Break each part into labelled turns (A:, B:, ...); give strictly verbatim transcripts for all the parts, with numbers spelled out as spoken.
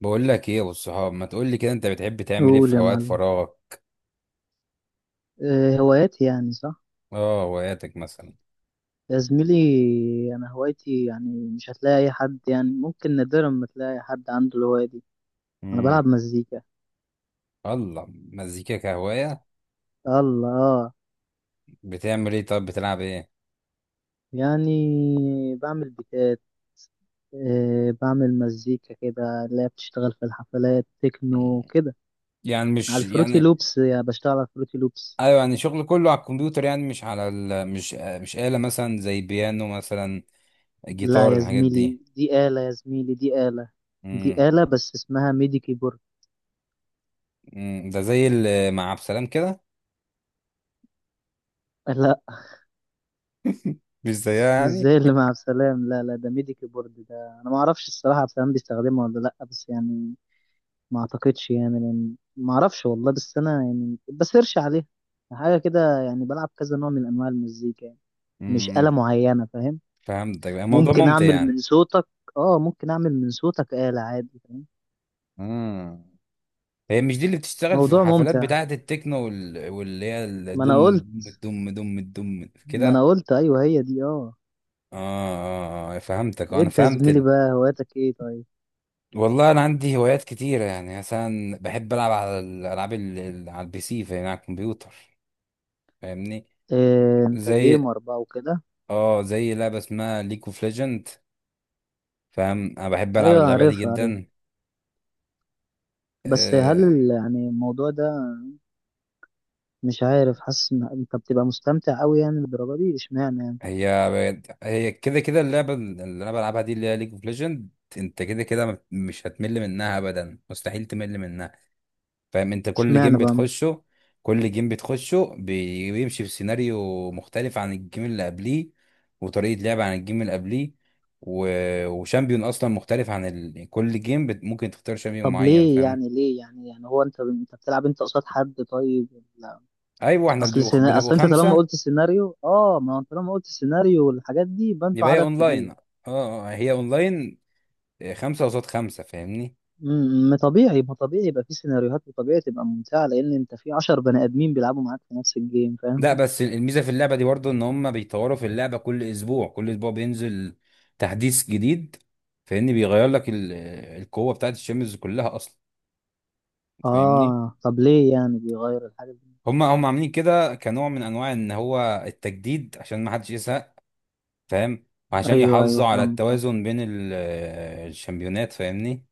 A: بقول لك ايه يا ابو الصحاب؟ ما تقول لي كده، انت بتحب تعمل ايه
B: قول
A: في
B: يا
A: اوقات
B: معلم.
A: فراغك؟
B: آه، هواياتي يعني صح.
A: اه، هواياتك مثلا.
B: يا زميلي، انا هوايتي يعني مش هتلاقي اي حد، يعني ممكن نادرا ما تلاقي حد عنده الهواية دي. انا
A: امم.
B: بلعب مزيكا.
A: الله. مزيكا كهوايه؟
B: الله آه.
A: بتعمل ايه؟ طب بتلعب ايه؟
B: يعني بعمل بيتات. آه، بعمل مزيكا كده اللي هي بتشتغل في الحفلات، تكنو
A: مم.
B: كده.
A: يعني
B: على
A: مش
B: الفروتي
A: يعني.
B: لوبس، يعني بشتغل على الفروتي لوبس.
A: ايوه، يعني شغل كله على الكمبيوتر، يعني مش على ال... مش مش آلة مثلا، زي بيانو مثلا،
B: لا
A: جيتار،
B: يا
A: الحاجات دي.
B: زميلي، دي آلة، يا زميلي دي آلة. دي
A: امم.
B: آلة بس اسمها ميدي كيبورد.
A: أمم، ده زي ال- مع عبد السلام كده.
B: لا،
A: مش زيها
B: مش
A: يعني.
B: زي اللي مع عبد السلام، لا لا، ده ميديكي بورد ده. انا ما اعرفش الصراحه عبد السلام بيستخدمه ولا لا، بس يعني ما اعتقدش يعني، لان ما اعرفش والله، بس انا يعني بسيرش عليها حاجه كده. يعني بلعب كذا نوع من انواع المزيكا يعني، مش آلة
A: امم.
B: معينه، فاهم؟
A: فهمتك، الموضوع
B: ممكن
A: ممتع
B: اعمل من
A: يعني.
B: صوتك اه ممكن اعمل من صوتك آلة، عادي، فاهم؟
A: امم. هي مش دي اللي بتشتغل في
B: موضوع
A: الحفلات
B: ممتع.
A: بتاعة التكنو وال... واللي هي
B: ما انا
A: الدم.
B: قلت
A: دم دم دم دم
B: ما انا
A: كده.
B: قلت ايوه هي دي اه.
A: آه, آه, آه، فهمتك، آه، أنا
B: انت يا
A: فهمت
B: زميلي
A: ال...
B: بقى هواياتك ايه طيب؟
A: والله أنا عندي هوايات كتيرة، يعني مثلا بحب ألعب على الألعاب ال... ال- على البي سي، فاهم، على الكمبيوتر. فاهمني؟
B: إيه، انت
A: زي
B: جيمر بقى وكده؟
A: اه، زي لعبة اسمها ليج اوف ليجند. فاهم، أنا بحب ألعب
B: ايوه
A: اللعبة دي
B: عارفها. عارفها.
A: جدا.
B: بس هل
A: آه،
B: ال- يعني الموضوع ده، مش عارف، حاسس ان انت بتبقى مستمتع قوي يعني بالدرجه دي، اشمعنى يعني؟
A: هي هي كده كده اللعبة اللي انا بلعبها دي اللي هي ليج اوف ليجند، انت كده كده ما- مش هتمل منها ابدا، مستحيل تمل منها. فاهم، انت كل جيم
B: اشمعنى بقى؟
A: بتخشه. كل جيم بتخشه بي- بيمشي في سيناريو مختلف عن الجيم اللي قبليه، وطريقة لعب عن الجيم اللي قبليه، و... وشامبيون اصلا مختلف عن ال... كل جيم بت... ممكن تختار شامبيون
B: طب
A: معين،
B: ليه
A: فاهم؟
B: يعني، ليه يعني يعني هو انت انت بتلعب انت قصاد حد طيب، ولا؟
A: ايوه، احنا
B: اصل
A: بنبقوا
B: سينا...
A: بنبقوا
B: اصل انت طالما
A: خمسة.
B: قلت سيناريو، اه ما هو انت طالما قلت سيناريو والحاجات دي، يبقى انتوا
A: يبقى هي
B: عدد
A: اونلاين،
B: كبير.
A: اه. آه، هي اونلاين. آه، خمسة قصاد خمسة، فاهمني؟
B: امم، ما طبيعي ما طبيعي يبقى في سيناريوهات، وطبيعي تبقى ممتعه، لان انت في عشر بني ادمين بيلعبوا معاك في نفس الجيم، فاهم؟
A: لا بس الميزه في اللعبه دي برضه ان هم بيطوروا في اللعبه، كل اسبوع كل اسبوع بينزل تحديث جديد. فاهمني؟ بيغير لك ال- القوه بتاعت الشمس كلها اصلا. فاهمني؟
B: اه، طب ليه يعني بيغير الحاجه دي؟
A: هم هم عاملين كده كنوع من انواع ان هو التجديد عشان ما حدش يزهق، فاهم؟ وعشان
B: ايوه ايوه،
A: يحافظوا على
B: فاهمك، فاهم.
A: التوازن بين ال- الشامبيونات، فاهمني؟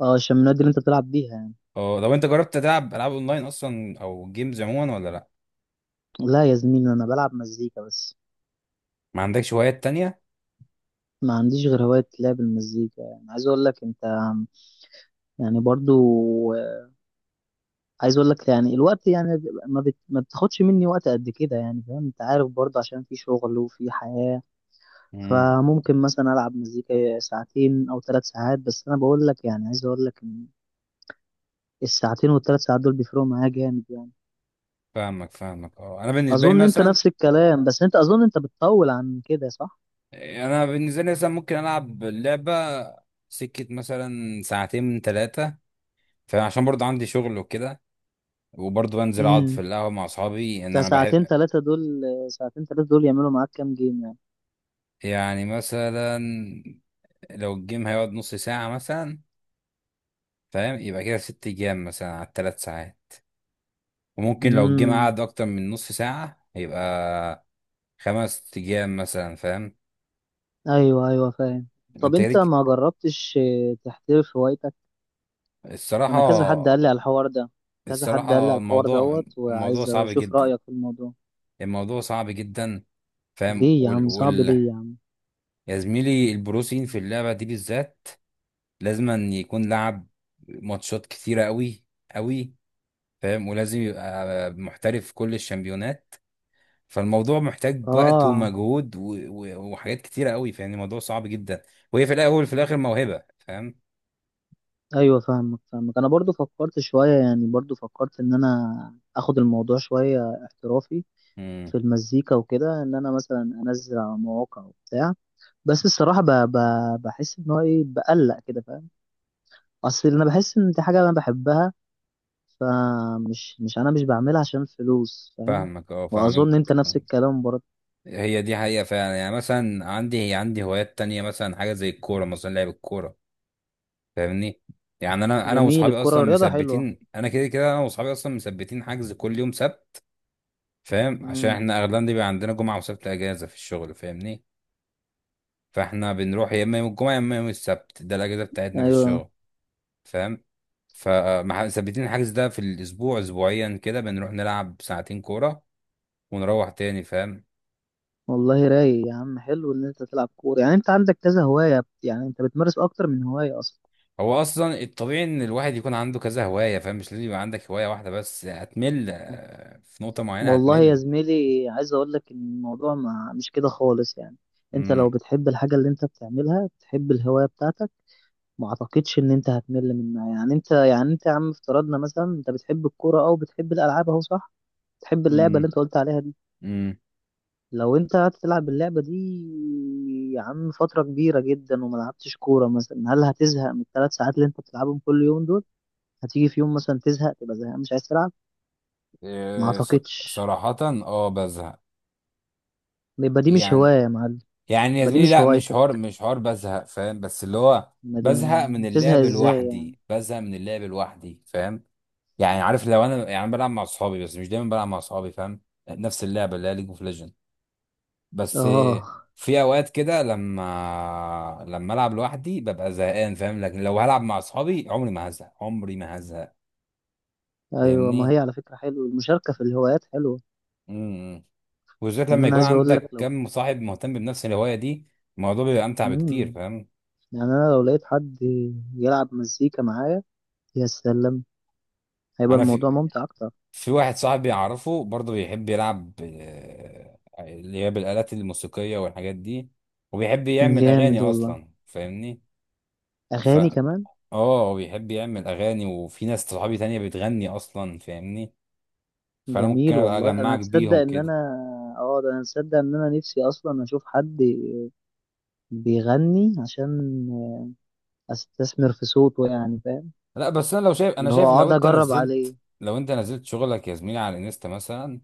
B: اه، عشان النادي اللي انت بتلعب بيها يعني.
A: اه، لو انت جربت تلعب العاب اونلاين اصلا او جيمز عموما ولا لا؟
B: لا يا زميلي، انا بلعب مزيكا بس.
A: ما عندكش هوايات تانية؟
B: ما عنديش غير هواية لعب المزيكا، يعني عايز اقول لك انت، يعني برضو عايز اقول لك يعني الوقت يعني ما, بت... ما بتاخدش مني وقت قد كده يعني، فاهم؟ انت عارف برضو عشان في شغل وفي حياة.
A: امم.
B: فممكن مثلا العب مزيكا ساعتين او ثلاث ساعات، بس انا بقول لك يعني، عايز اقول لك ان الساعتين والثلاث ساعات دول بيفرقوا معايا جامد يعني.
A: فاهمك، فاهمك، اه، انا بالنسبه لي
B: اظن انت
A: مثلا،
B: نفس الكلام، بس انت اظن انت بتطول عن كده، صح؟
A: انا بالنسبه لي مثلا ممكن العب اللعبه سكه مثلا ساعتين من ثلاثه، فعشان برضه عندي شغل وكده، وبرضه بنزل اقعد في
B: امم.
A: القهوه مع اصحابي ان
B: ده
A: انا
B: ساعتين
A: بحب.
B: ثلاثة دول، ساعتين ثلاثة دول يعملوا معاك كام جيم يعني؟
A: يعني مثلا، لو الجيم هيقعد نص ساعه مثلا، فاهم، يبقى كده ست جيام مثلا على الثلاث ساعات، وممكن لو الجيم
B: امم.
A: قعد اكتر من نص ساعه يبقى خمس جيام مثلا، فاهم؟
B: ايوه ايوه فاهم. طب
A: انت
B: انت
A: ليك-
B: ما جربتش آه، تحترف هوايتك؟ وانا كذا
A: الصراحه
B: حد قال لي على الحوار ده. كذا حد قال لي
A: الصراحه
B: على الحوار
A: الموضوع
B: دوت،
A: الموضوع
B: وعايز
A: صعب
B: اشوف
A: جدا،
B: رايك في الموضوع.
A: الموضوع صعب جدا، فاهم
B: ليه يا
A: وال...
B: عم صعب؟
A: وال...
B: ليه يا عم؟
A: يا زميلي، البروسين في اللعبة دي بالذات لازم أن يكون لعب ماتشات كتيرة قوي قوي، فاهم؟ ولازم يبقى محترف في كل الشامبيونات، فالموضوع محتاج وقت
B: اه.
A: ومجهود و... و... وحاجات كتيرة قوي، فاهم؟ الموضوع صعب جدا، وهي في الأول وفي الآخر موهبة، فاهم؟
B: ايوه فاهمك، فاهمك. انا برضو فكرت شويه، يعني برضو فكرت ان انا اخد الموضوع شويه احترافي
A: امم،
B: في المزيكا وكده، ان انا مثلا انزل على مواقع وبتاع. بس الصراحه ب... ب... بحس ان هو ايه، بقلق كده، فاهم؟ اصل انا بحس ان دي حاجه انا بحبها، فمش مش انا مش بعملها عشان فلوس، فاهم؟
A: فاهمك، اه، فاهمك.
B: واظن انت نفس الكلام برضه.
A: هي دي حقيقة فعلا، يعني مثلا عندي هي عندي هوايات تانية، مثلا حاجة زي الكورة، مثلا لعب الكورة، فاهمني؟ يعني انا انا
B: جميل،
A: واصحابي اصلا
B: الكرة رياضة حلوة.
A: مثبتين، انا كده كده انا واصحابي اصلا مثبتين حجز كل يوم سبت. فاهم، عشان
B: امم.
A: احنا اغلبنا بيبقى عندنا جمعه وسبت اجازه في الشغل، فاهمني؟ فاحنا بنروح يا اما يوم الجمعه يا اما يوم السبت، ده الاجازه بتاعتنا في
B: ايوه.
A: الشغل، فاهم؟ فمثبتين الحجز ده في الاسبوع اسبوعيا كده، بنروح نلعب ساعتين كوره ونروح تاني، فاهم؟
B: والله رايق يا عم، حلو ان انت تلعب كورة. يعني انت عندك كذا هواية، يعني انت بتمارس اكتر من هواية اصلا.
A: هو اصلا الطبيعي ان الواحد يكون عنده كذا هوايه، فاهم؟ مش لازم يبقى عندك هوايه واحده بس، هتمل، آه، في نقطه معينه
B: والله يا
A: هتمل.
B: زميلي، عايز اقول لك ان الموضوع ما مش كده خالص يعني. انت
A: امم.
B: لو بتحب الحاجة اللي انت بتعملها، بتحب الهواية بتاعتك، ما اعتقدش ان انت هتمل منها يعني. انت يعني، انت يا عم افترضنا مثلا انت بتحب الكورة او بتحب الالعاب، اهو صح، بتحب اللعبة اللي انت قلت عليها دي.
A: امم.
B: لو انت هتلعب اللعبة دي يا عم فترة كبيرة جدا وما لعبتش كورة مثلا، هل هتزهق من الثلاث ساعات اللي انت بتلعبهم كل يوم دول؟ هتيجي في يوم مثلا تزهق، تبقى زهقان مش عايز تلعب؟ ما
A: إيه، ص-
B: اعتقدش.
A: صراحة اه بزهق
B: يبقى دي مش
A: يعني
B: هواية يا معلم،
A: يعني يا
B: يبقى دي
A: زميلي
B: مش
A: لا مش
B: هوايتك.
A: حوار مش حوار بزهق فاهم بس اللي هو
B: ما
A: بزهق من
B: دي- تزهق
A: اللعب
B: ازاي يعني؟
A: لوحدي بزهق من اللعب لوحدي فاهم يعني عارف لو انا يعني أنا بلعب مع اصحابي بس مش دايما بلعب مع اصحابي فاهم نفس اللعبة اللي هي ليج اوف ليجند بس إيه،
B: اه
A: في اوقات كده لما لما العب لوحدي ببقى زهقان فاهم لكن لو هلعب مع اصحابي عمري ما هزهق عمري ما هزهق
B: ايوه، ما
A: فاهمني
B: هي على فكرة حلوة، المشاركة في الهوايات حلوة.
A: امم إمم. وبالذات
B: يعني
A: لما
B: انا
A: يكون
B: عايز اقول لك
A: عندك
B: لو
A: كم صاحب مهتم بنفس الهواية دي، الموضوع بيبقى أمتع بكتير،
B: مم.
A: فاهم؟
B: يعني انا لو لقيت حد يلعب مزيكا معايا، يا سلام، هيبقى
A: أنا
B: الموضوع
A: في
B: ممتع اكتر.
A: في واحد صاحبي أعرفه برضه بيحب يلعب، آه، اللي هي بالآلات الموسيقية والحاجات دي، وبيحب يعمل أغاني
B: جامد والله،
A: أصلا، فاهمني؟ ف
B: اغاني كمان.
A: اه، بيحب يعمل أغاني، وفي ناس صحابي تانية بتغني أصلا، فاهمني؟ فأنا ممكن
B: جميل
A: أبقى
B: والله، انا
A: أجمعك
B: تصدق
A: بيهم
B: ان
A: كده.
B: انا اه ده انا تصدق ان انا نفسي اصلا اشوف حد بيغني عشان استثمر في صوته يعني، فاهم؟
A: لا بس أنا لو شايف أنا
B: اللي هو
A: شايف لو
B: اقعد
A: أنت
B: اجرب
A: نزلت،
B: عليه.
A: لو أنت نزلت شغلك يا زميلي على الانستا مثلا،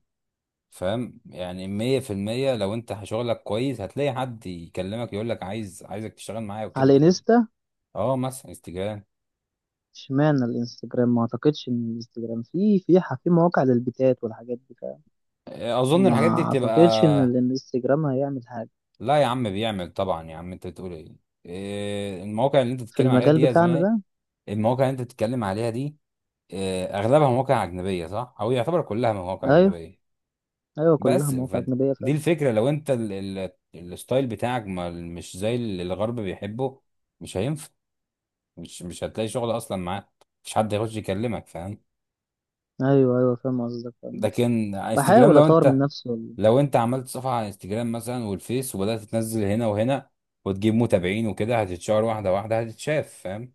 A: فاهم؟ يعني مية في المية لو انت شغلك كويس هتلاقي حد يكلمك يقول لك عايز عايزك تشتغل معايا وكده،
B: على
A: فاهم؟
B: انستا؟
A: اه، مثلا استجابة.
B: اشمعنى الانستجرام؟ ما اعتقدش ان الانستجرام في في ح- في مواقع للبيتات والحاجات دي، فاهم؟
A: اظن الحاجات دي
B: ما
A: بتبقى.
B: اعتقدش ان الانستجرام هيعمل حاجه
A: لا يا عم، بيعمل طبعا يا عم، انت بتقول ايه؟ إيه، المواقع اللي انت
B: في
A: بتتكلم عليها دي
B: المجال
A: يا
B: بتاعنا
A: زميلي
B: ده.
A: المواقع اللي انت بتتكلم عليها دي، إيه، اغلبها مواقع اجنبية، صح؟ او يعتبر كلها مواقع
B: ايوه.
A: اجنبية.
B: ايوه كلها
A: بس
B: مواقع
A: فدي
B: اجنبيه، فاهم؟
A: الفكرة، لو انت ال- ال- الستايل بتاعك ما مش زي اللي الغرب بيحبه، مش هينفع، مش مش هتلاقي شغل اصلا معاه، مفيش حد هيخش يكلمك، فاهم؟
B: ايوه ايوه، فاهم قصدك، فاهم قصدك.
A: لكن على انستجرام،
B: بحاول
A: لو
B: اطور من
A: انت
B: نفسي والله.
A: لو انت عملت صفحه على انستجرام مثلا والفيس، وبدات تنزل هنا وهنا وتجيب متابعين وكده، هتتشهر، واحده واحده هتتشاف، فاهم؟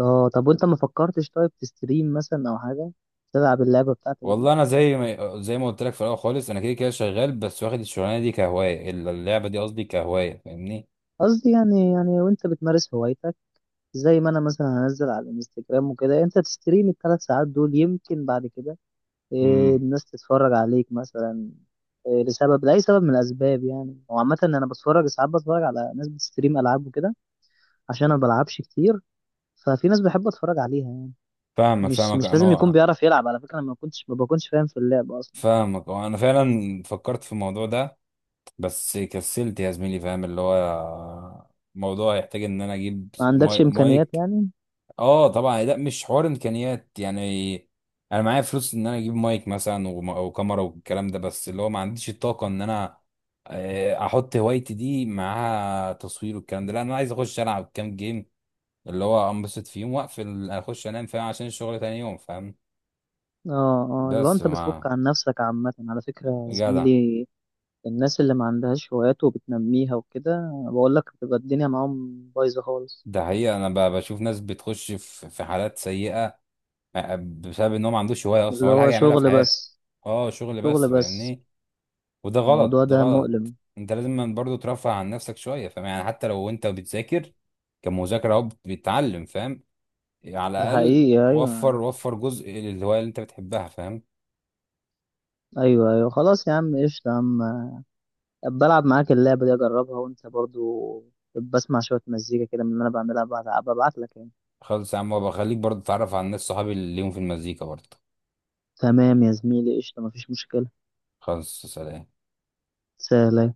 B: اه، طب وانت ما فكرتش طيب تستريم مثلا او حاجه، تلعب اللعبه بتاعتك دي؟
A: والله انا زي ما زي ما قلت لك في الاول خالص، انا كده كده شغال بس واخد الشغلانه دي كهوايه، ال- اللعبه دي قصدي كهوايه، فاهمني؟
B: قصدي يعني يعني وانت بتمارس هوايتك، زي ما انا مثلا هنزل على الانستجرام وكده، انت تستريم الثلاث ساعات دول، يمكن بعد كده إيه،
A: امم،
B: الناس تتفرج عليك مثلا إيه لسبب لاي سبب من الاسباب يعني. وعامه انا بتفرج ساعات، بتفرج على ناس بتستريم العاب وكده، عشان انا ما بلعبش كتير. ففي ناس بحب اتفرج عليها يعني.
A: فاهمك،
B: مش
A: فاهمك
B: مش لازم يكون
A: انا.
B: بيعرف يلعب، على فكره انا ما كنتش ما بكونش فاهم في اللعب اصلا، فاهم؟
A: فاهمك، انا فعلا فكرت في الموضوع ده بس كسلت يا زميلي، فاهم؟ اللي هو الموضوع يحتاج ان انا اجيب
B: ما عندكش
A: ماي-
B: امكانيات
A: مايك.
B: يعني؟
A: اه طبعا، لا مش حوار امكانيات يعني، انا معايا فلوس ان انا اجيب مايك مثلا وم- وكاميرا والكلام ده، بس اللي هو ما عنديش الطاقة ان انا آه، احط هوايتي دي معاها تصوير والكلام ده، لا انا عايز اخش العب كام جيم اللي هو انبسط فيهم واقفل اخش انام، فاهم؟ عشان الشغل تاني يوم، فاهم؟
B: اه اه، لو
A: بس
B: انت بتفك
A: ما
B: عن نفسك عامة على فكرة يا
A: جدع.
B: زميلي، الناس اللي ما عندهاش هوايات وبتنميها وكده، بقول لك بتبقى الدنيا معاهم بايظة خالص.
A: ده حقيقة انا ب- بشوف ناس بتخش في في حالات سيئة بسبب ان هو ما عندوش هوايه اصلا
B: اللي
A: ولا حاجه
B: هو
A: يعملها في
B: شغل
A: حياته.
B: بس،
A: اه، شغل
B: شغل
A: بس،
B: بس.
A: فاهمني؟ وده غلط
B: الموضوع
A: ده
B: ده
A: غلط،
B: مؤلم.
A: انت لازم برضه ترفه عن نفسك شويه، فاهم؟ يعني حتى لو انت بتذاكر كمذاكره، اهو بتتعلم، فاهم؟ على
B: ده
A: الاقل
B: حقيقي،
A: وفر
B: ايوه.
A: وفر جزء للهوايه اللي انت بتحبها، فاهم؟
B: ايوه ايوه خلاص يا عم، قشطة يا عم، بلعب معاك اللعبة دي اجربها، وانت برضو بسمع شوية مزيكا كده من اللي انا بعملها، ببعت لك يعني.
A: خلص يا عم، وبخليك برضه تتعرف على الناس صحابي اللي ليهم في المزيكا برضه.
B: تمام يا زميلي، قشطة، مفيش مشكلة،
A: خلص، سلام.
B: سهلة